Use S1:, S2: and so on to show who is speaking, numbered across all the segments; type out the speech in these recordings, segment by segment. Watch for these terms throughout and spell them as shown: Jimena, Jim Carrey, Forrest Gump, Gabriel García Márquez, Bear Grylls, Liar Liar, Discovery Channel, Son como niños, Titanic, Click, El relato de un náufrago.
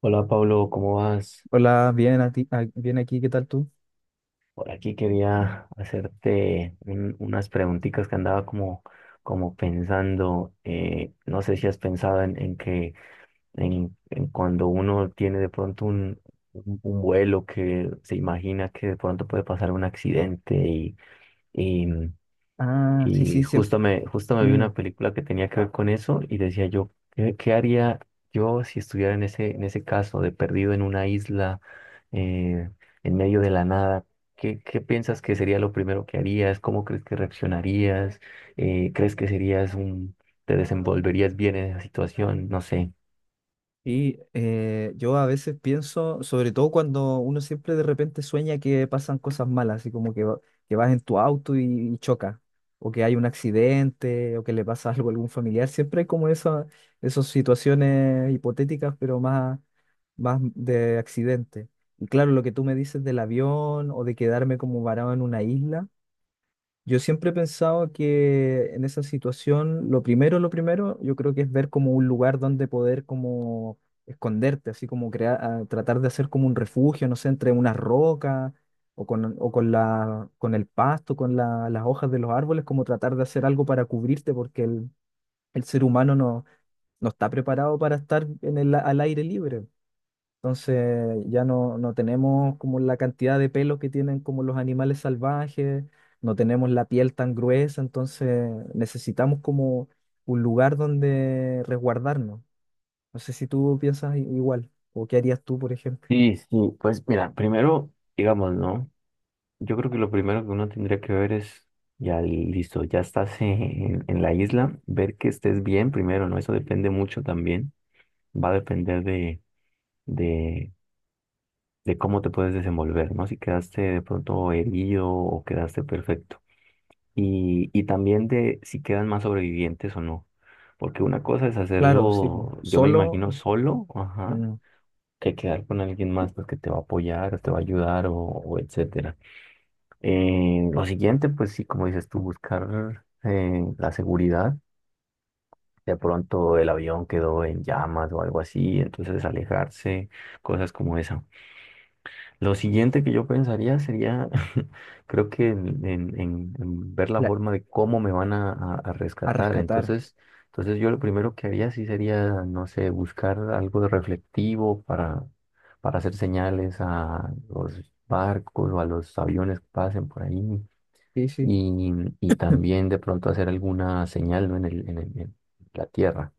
S1: Hola Pablo, ¿cómo vas?
S2: Hola, bien, bien aquí, ¿qué tal tú?
S1: Por aquí quería hacerte unas preguntitas que andaba como, como pensando. No sé si has pensado en que en cuando uno tiene de pronto un vuelo que se imagina que de pronto puede pasar un accidente y,
S2: Ah, sí,
S1: Y
S2: sí, siempre.
S1: justo justo me vi una película que tenía que ver con eso y decía yo, ¿qué, qué haría yo si estuviera en en ese caso de perdido en una isla, eh, en medio de la nada? ¿Qué, qué piensas que sería lo primero que harías? ¿Cómo crees que reaccionarías? ¿Crees que serías un, te desenvolverías bien en esa situación? No sé.
S2: Yo a veces pienso, sobre todo cuando uno siempre de repente sueña que pasan cosas malas, así como que, que vas en tu auto y choca, o que hay un accidente, o que le pasa algo a algún familiar, siempre hay como esa, esas situaciones hipotéticas, pero más, más de accidente. Y claro, lo que tú me dices del avión o de quedarme como varado en una isla. Yo siempre he pensado que en esa situación, lo primero, yo creo que es ver como un lugar donde poder como esconderte, así como crear, tratar de hacer como un refugio, no sé, entre unas rocas o con, con el pasto, las hojas de los árboles, como tratar de hacer algo para cubrirte, porque el ser humano no, no está preparado para estar en al aire libre. Entonces ya no, no tenemos como la cantidad de pelos que tienen como los animales salvajes, no tenemos la piel tan gruesa, entonces necesitamos como un lugar donde resguardarnos. No sé si tú piensas igual, o qué harías tú, por ejemplo.
S1: Sí, sí, pues mira, primero, digamos, ¿no? Yo creo que lo primero que uno tendría que ver es, ya listo, ya estás en la isla, ver que estés bien primero, ¿no? Eso depende mucho también, va a depender de, de cómo te puedes desenvolver, ¿no? Si quedaste de pronto herido o quedaste perfecto. Y también de si quedan más sobrevivientes o no. Porque una cosa es
S2: Claro, sí, po.
S1: hacerlo, yo me
S2: Solo
S1: imagino solo, ajá,
S2: mm,
S1: que quedar con alguien más pues, que te va a apoyar, te va a ayudar o etcétera. Lo siguiente, pues sí, como dices tú, buscar la seguridad. De pronto el avión quedó en llamas o algo así, entonces alejarse, cosas como esa. Lo siguiente que yo pensaría sería, creo que en ver la
S2: la-
S1: forma de cómo me van a, a
S2: a
S1: rescatar.
S2: rescatar.
S1: Entonces, entonces yo lo primero que haría sí sería, no sé, buscar algo de reflectivo para hacer señales a los barcos o a los aviones que pasen por ahí
S2: Sí, sí.
S1: y, y también de pronto hacer alguna señal, ¿no? en en la Tierra,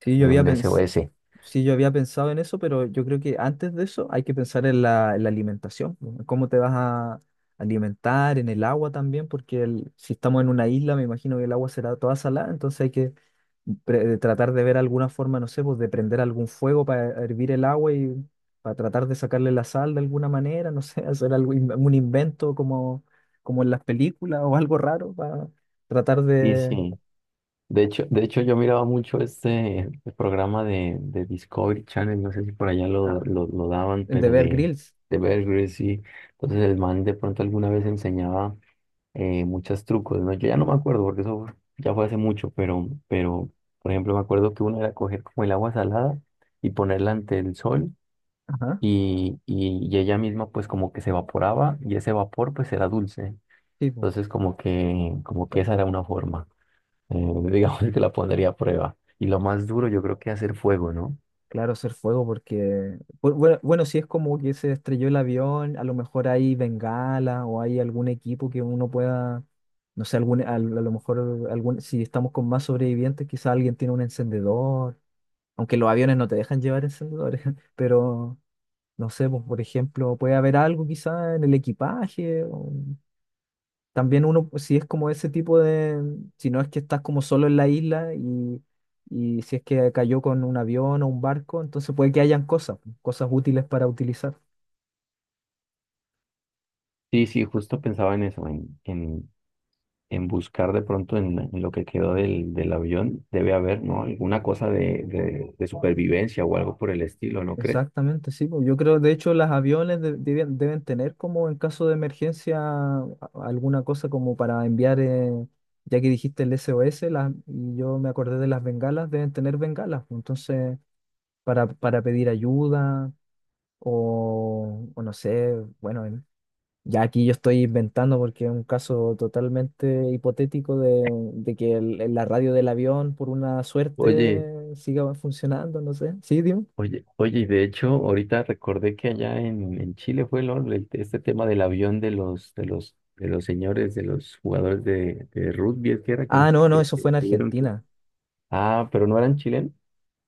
S2: Sí, yo había
S1: un
S2: pensado.
S1: SOS.
S2: Sí, yo había pensado en eso, pero yo creo que antes de eso hay que pensar en la alimentación, ¿no? En cómo te vas a alimentar, en el agua también, porque si estamos en una isla, me imagino que el agua será toda salada, entonces hay que tratar de ver alguna forma, no sé, pues de prender algún fuego para hervir el agua y para tratar de sacarle la sal de alguna manera, no sé, hacer algo, un invento como, como en las películas o algo raro para tratar
S1: Y
S2: de,
S1: sí, de hecho yo miraba mucho este programa de Discovery Channel, no sé si por allá
S2: ah,
S1: lo daban,
S2: de
S1: pero
S2: ver grills.
S1: de Bear Grylls, y entonces el man de pronto alguna vez enseñaba muchos trucos, ¿no? Yo ya no me acuerdo porque eso ya fue hace mucho, pero por ejemplo me acuerdo que uno era coger como el agua salada y ponerla ante el sol
S2: Ajá,
S1: y ella misma pues como que se evaporaba y ese vapor pues era dulce.
S2: sí, pues.
S1: Entonces como que esa era una forma, eh, digamos que la pondría a prueba. Y lo más duro yo creo que hacer fuego, ¿no?
S2: Claro, hacer fuego porque, bueno, si es como que se estrelló el avión, a lo mejor hay bengala o hay algún equipo que uno pueda, no sé, algún, lo mejor algún, si estamos con más sobrevivientes, quizá alguien tiene un encendedor, aunque los aviones no te dejan llevar encendedores, pero no sé, pues, por ejemplo, puede haber algo quizá en el equipaje, también uno, pues, si es como ese tipo de, si no es que estás como solo en la isla y si es que cayó con un avión o un barco, entonces puede que hayan cosas, pues, cosas útiles para utilizar.
S1: Sí, sí, justo pensaba en eso, en buscar de pronto en lo que quedó del avión, debe haber, ¿no? Alguna cosa de supervivencia o algo por el estilo, ¿no crees?
S2: Exactamente, sí, pues. Yo creo, de hecho, los aviones deben, deben tener como en caso de emergencia alguna cosa como para enviar, ya que dijiste el SOS, y yo me acordé de las bengalas, deben tener bengalas, pues. Entonces, para pedir ayuda o no sé, bueno, ya aquí yo estoy inventando porque es un caso totalmente hipotético de que la radio del avión, por una
S1: Oye.
S2: suerte, siga funcionando, no sé. ¿Sí, dime?
S1: Oye, y de hecho, ahorita recordé que allá en Chile fue este tema del avión de de los señores, de los jugadores de rugby, es que era
S2: Ah, no, no, eso fue
S1: que
S2: en
S1: tuvieron que.
S2: Argentina.
S1: Ah, pero no eran chilenos.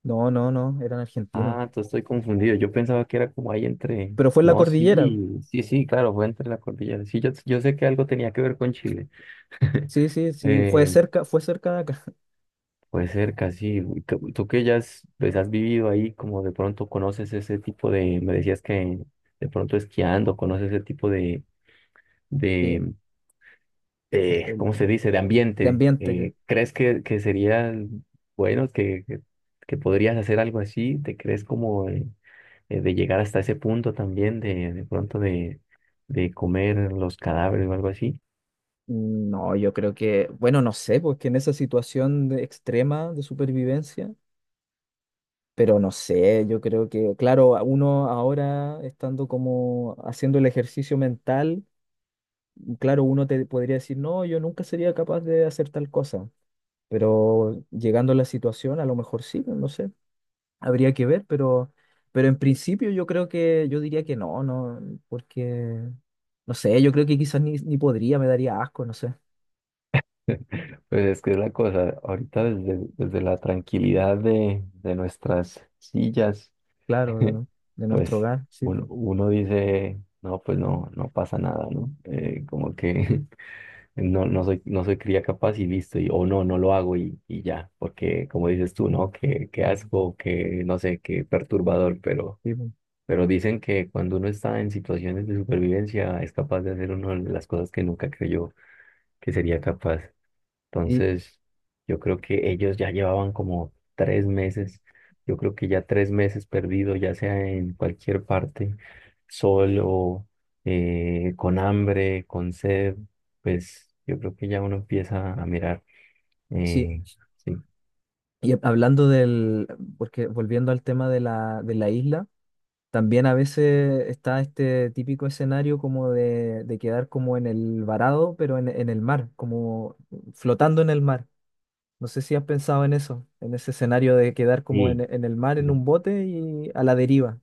S2: No, no, no, eran argentinos.
S1: Ah, entonces estoy confundido. Yo pensaba que era como ahí entre.
S2: Pero fue en la
S1: No,
S2: cordillera.
S1: sí, sí, sí, claro, fue entre la cordillera. Sí, yo sé que algo tenía que ver con Chile.
S2: Sí, sí, sí,
S1: Eh,
S2: fue cerca de acá.
S1: Pues cerca, sí. Y tú que ya has, pues, has vivido ahí, como de pronto conoces ese tipo de, me decías que de pronto esquiando, conoces ese tipo
S2: Sí,
S1: de, de,
S2: el-
S1: ¿cómo se
S2: de,
S1: dice? De
S2: de
S1: ambiente.
S2: ambiente.
S1: ¿Crees que sería bueno que podrías hacer algo así? ¿Te crees como de llegar hasta ese punto también de pronto de comer los cadáveres o algo así?
S2: No, yo creo que, bueno, no sé, porque en esa situación de extrema de supervivencia. Pero no sé, yo creo que, claro, a uno ahora estando como haciendo el ejercicio mental, claro, uno te podría decir, no, yo nunca sería capaz de hacer tal cosa, pero llegando a la situación, a lo mejor sí, pues, no sé, habría que ver, pero en principio yo creo que, yo diría que no, no, porque, no sé, yo creo que quizás ni, ni podría, me daría asco, no sé,
S1: Pues es que es la cosa, ahorita desde la tranquilidad de nuestras sillas,
S2: claro, de nuestro
S1: pues
S2: hogar, sí,
S1: uno,
S2: pues,
S1: uno dice, no, pues no, no pasa nada, ¿no? Como que no, no soy cría capaz y listo, y, o no, no lo hago y ya, porque como dices tú, ¿no? Qué qué asco, que no sé, qué perturbador,
S2: sí, pues.
S1: pero dicen que cuando uno está en situaciones de supervivencia es capaz de hacer una de las cosas que nunca creyó que sería capaz.
S2: Y-
S1: Entonces, yo creo que ellos ya llevaban como tres meses, yo creo que ya tres meses perdido, ya sea en cualquier parte, solo, con hambre, con sed, pues yo creo que ya uno empieza a mirar.
S2: sí,
S1: eh, sí.
S2: y hablando del, porque volviendo al tema de la isla, también a veces está este típico escenario como de quedar como en el varado, pero en el mar, como flotando en el mar. No sé si has pensado en eso, en ese escenario de quedar como en el mar, en
S1: Sí.
S2: un bote y a la deriva.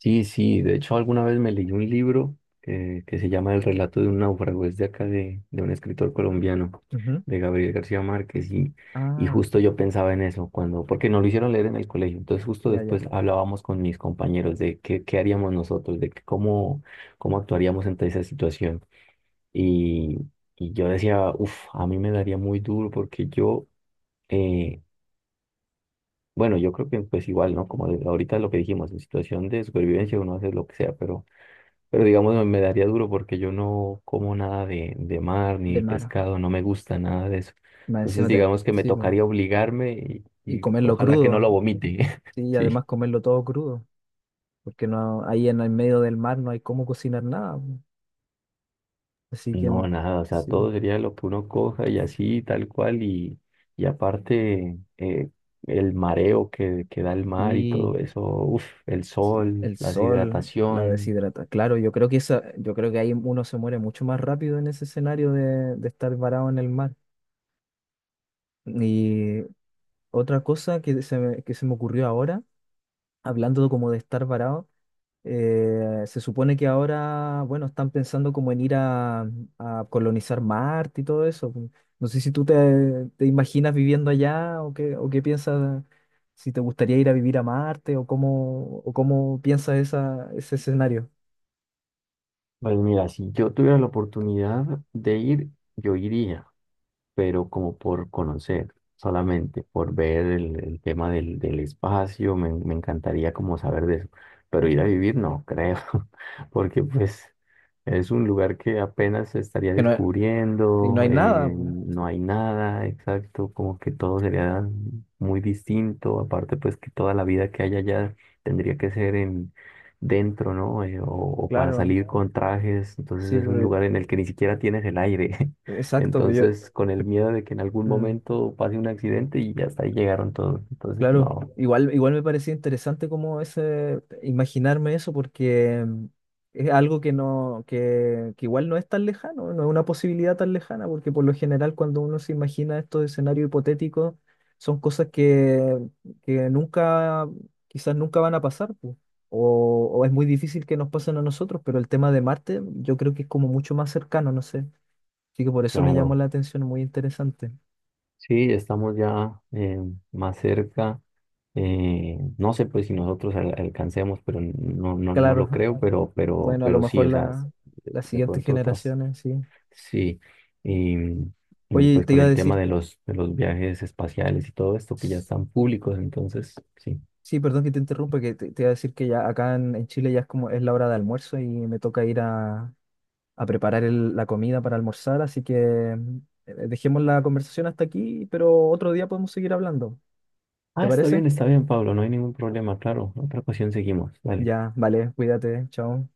S1: Sí, sí, de hecho alguna vez me leí un libro que se llama El relato de un náufrago, es de acá de un escritor colombiano,
S2: Ujú.
S1: de Gabriel García Márquez, y
S2: Ah,
S1: justo yo pensaba en eso, cuando, porque nos lo hicieron leer en el colegio, entonces justo
S2: ya, ya,
S1: después hablábamos con mis compañeros de qué, qué haríamos nosotros, de que cómo, cómo actuaríamos ante esa situación. Y, y yo decía, uff, a mí me daría muy duro porque yo... eh, bueno, yo creo que pues igual, ¿no? Como ahorita lo que dijimos, en situación de supervivencia uno hace lo que sea, pero digamos, me daría duro porque yo no como nada de mar
S2: de
S1: ni
S2: mar.
S1: pescado, no me gusta nada de eso. Entonces, digamos que me
S2: Sí, bueno.
S1: tocaría obligarme
S2: Y
S1: y
S2: comerlo
S1: ojalá que no
S2: crudo,
S1: lo vomite.
S2: sí, y además
S1: Sí.
S2: comerlo todo crudo, porque no, ahí en el medio del mar no hay cómo cocinar nada, pues. Así que
S1: No,
S2: no,
S1: nada, o sea,
S2: sí.
S1: todo sería lo que uno coja y así, tal cual. Y aparte, el mareo que da el mar y
S2: Y
S1: todo eso, uf, el
S2: sí,
S1: sol,
S2: el
S1: la
S2: sol la
S1: deshidratación.
S2: deshidrata. Claro, yo creo que esa, yo creo que ahí uno se muere mucho más rápido en ese escenario de estar varado en el mar. Y otra cosa que se me ocurrió ahora, hablando como de estar varado, se supone que ahora, bueno, están pensando como en ir a colonizar Marte y todo eso. No sé si tú te, te imaginas viviendo allá o qué piensas, si te gustaría ir a vivir a Marte o cómo piensas esa, ese escenario.
S1: Pues mira, si yo tuviera la oportunidad de ir, yo iría. Pero como por conocer, solamente por ver el tema del espacio, me encantaría como saber de eso, pero ir a vivir no creo, porque pues es un lugar que apenas se estaría
S2: Que no, y no
S1: descubriendo,
S2: hay nada, pu,
S1: no hay nada exacto, como que todo sería muy distinto, aparte pues que toda la vida que hay allá tendría que ser en... dentro, ¿no? O para
S2: claro.
S1: salir con trajes, entonces
S2: Sí,
S1: es un
S2: pero-
S1: lugar en el que ni siquiera tienes el aire.
S2: exacto. Yo,
S1: Entonces, con el miedo de que en algún
S2: mm,
S1: momento pase un accidente y ya hasta ahí llegaron todos. Entonces,
S2: claro,
S1: no.
S2: igual, igual me parecía interesante como ese, imaginarme eso porque mm, es algo que no, que igual no es tan lejano, no es una posibilidad tan lejana, porque por lo general cuando uno se imagina estos escenarios hipotéticos son cosas que nunca, quizás nunca van a pasar, pues, o es muy difícil que nos pasen a nosotros, pero el tema de Marte yo creo que es como mucho más cercano, no sé. Así que por eso me llamó
S1: Claro,
S2: la atención, muy interesante.
S1: sí, estamos ya más cerca. No sé pues si nosotros alcancemos, pero no, no, no lo
S2: Claro.
S1: creo, pero,
S2: Bueno, a lo
S1: pero sí,
S2: mejor
S1: o sea,
S2: la, las
S1: de
S2: siguientes
S1: pronto otras,
S2: generaciones, sí.
S1: sí. Y, y
S2: Oye,
S1: pues
S2: te
S1: con
S2: iba a
S1: el tema
S2: decir,
S1: de de los viajes espaciales y todo esto que ya están públicos, entonces sí.
S2: sí, perdón que te interrumpa, que te iba a decir que ya acá en Chile ya es como es la hora de almuerzo y me toca ir a preparar la comida para almorzar, así que dejemos la conversación hasta aquí, pero otro día podemos seguir hablando.
S1: Ah,
S2: ¿Te parece?
S1: está bien, Pablo, no hay ningún problema, claro. Otra ocasión seguimos, dale.
S2: Ya, vale, cuídate, chao.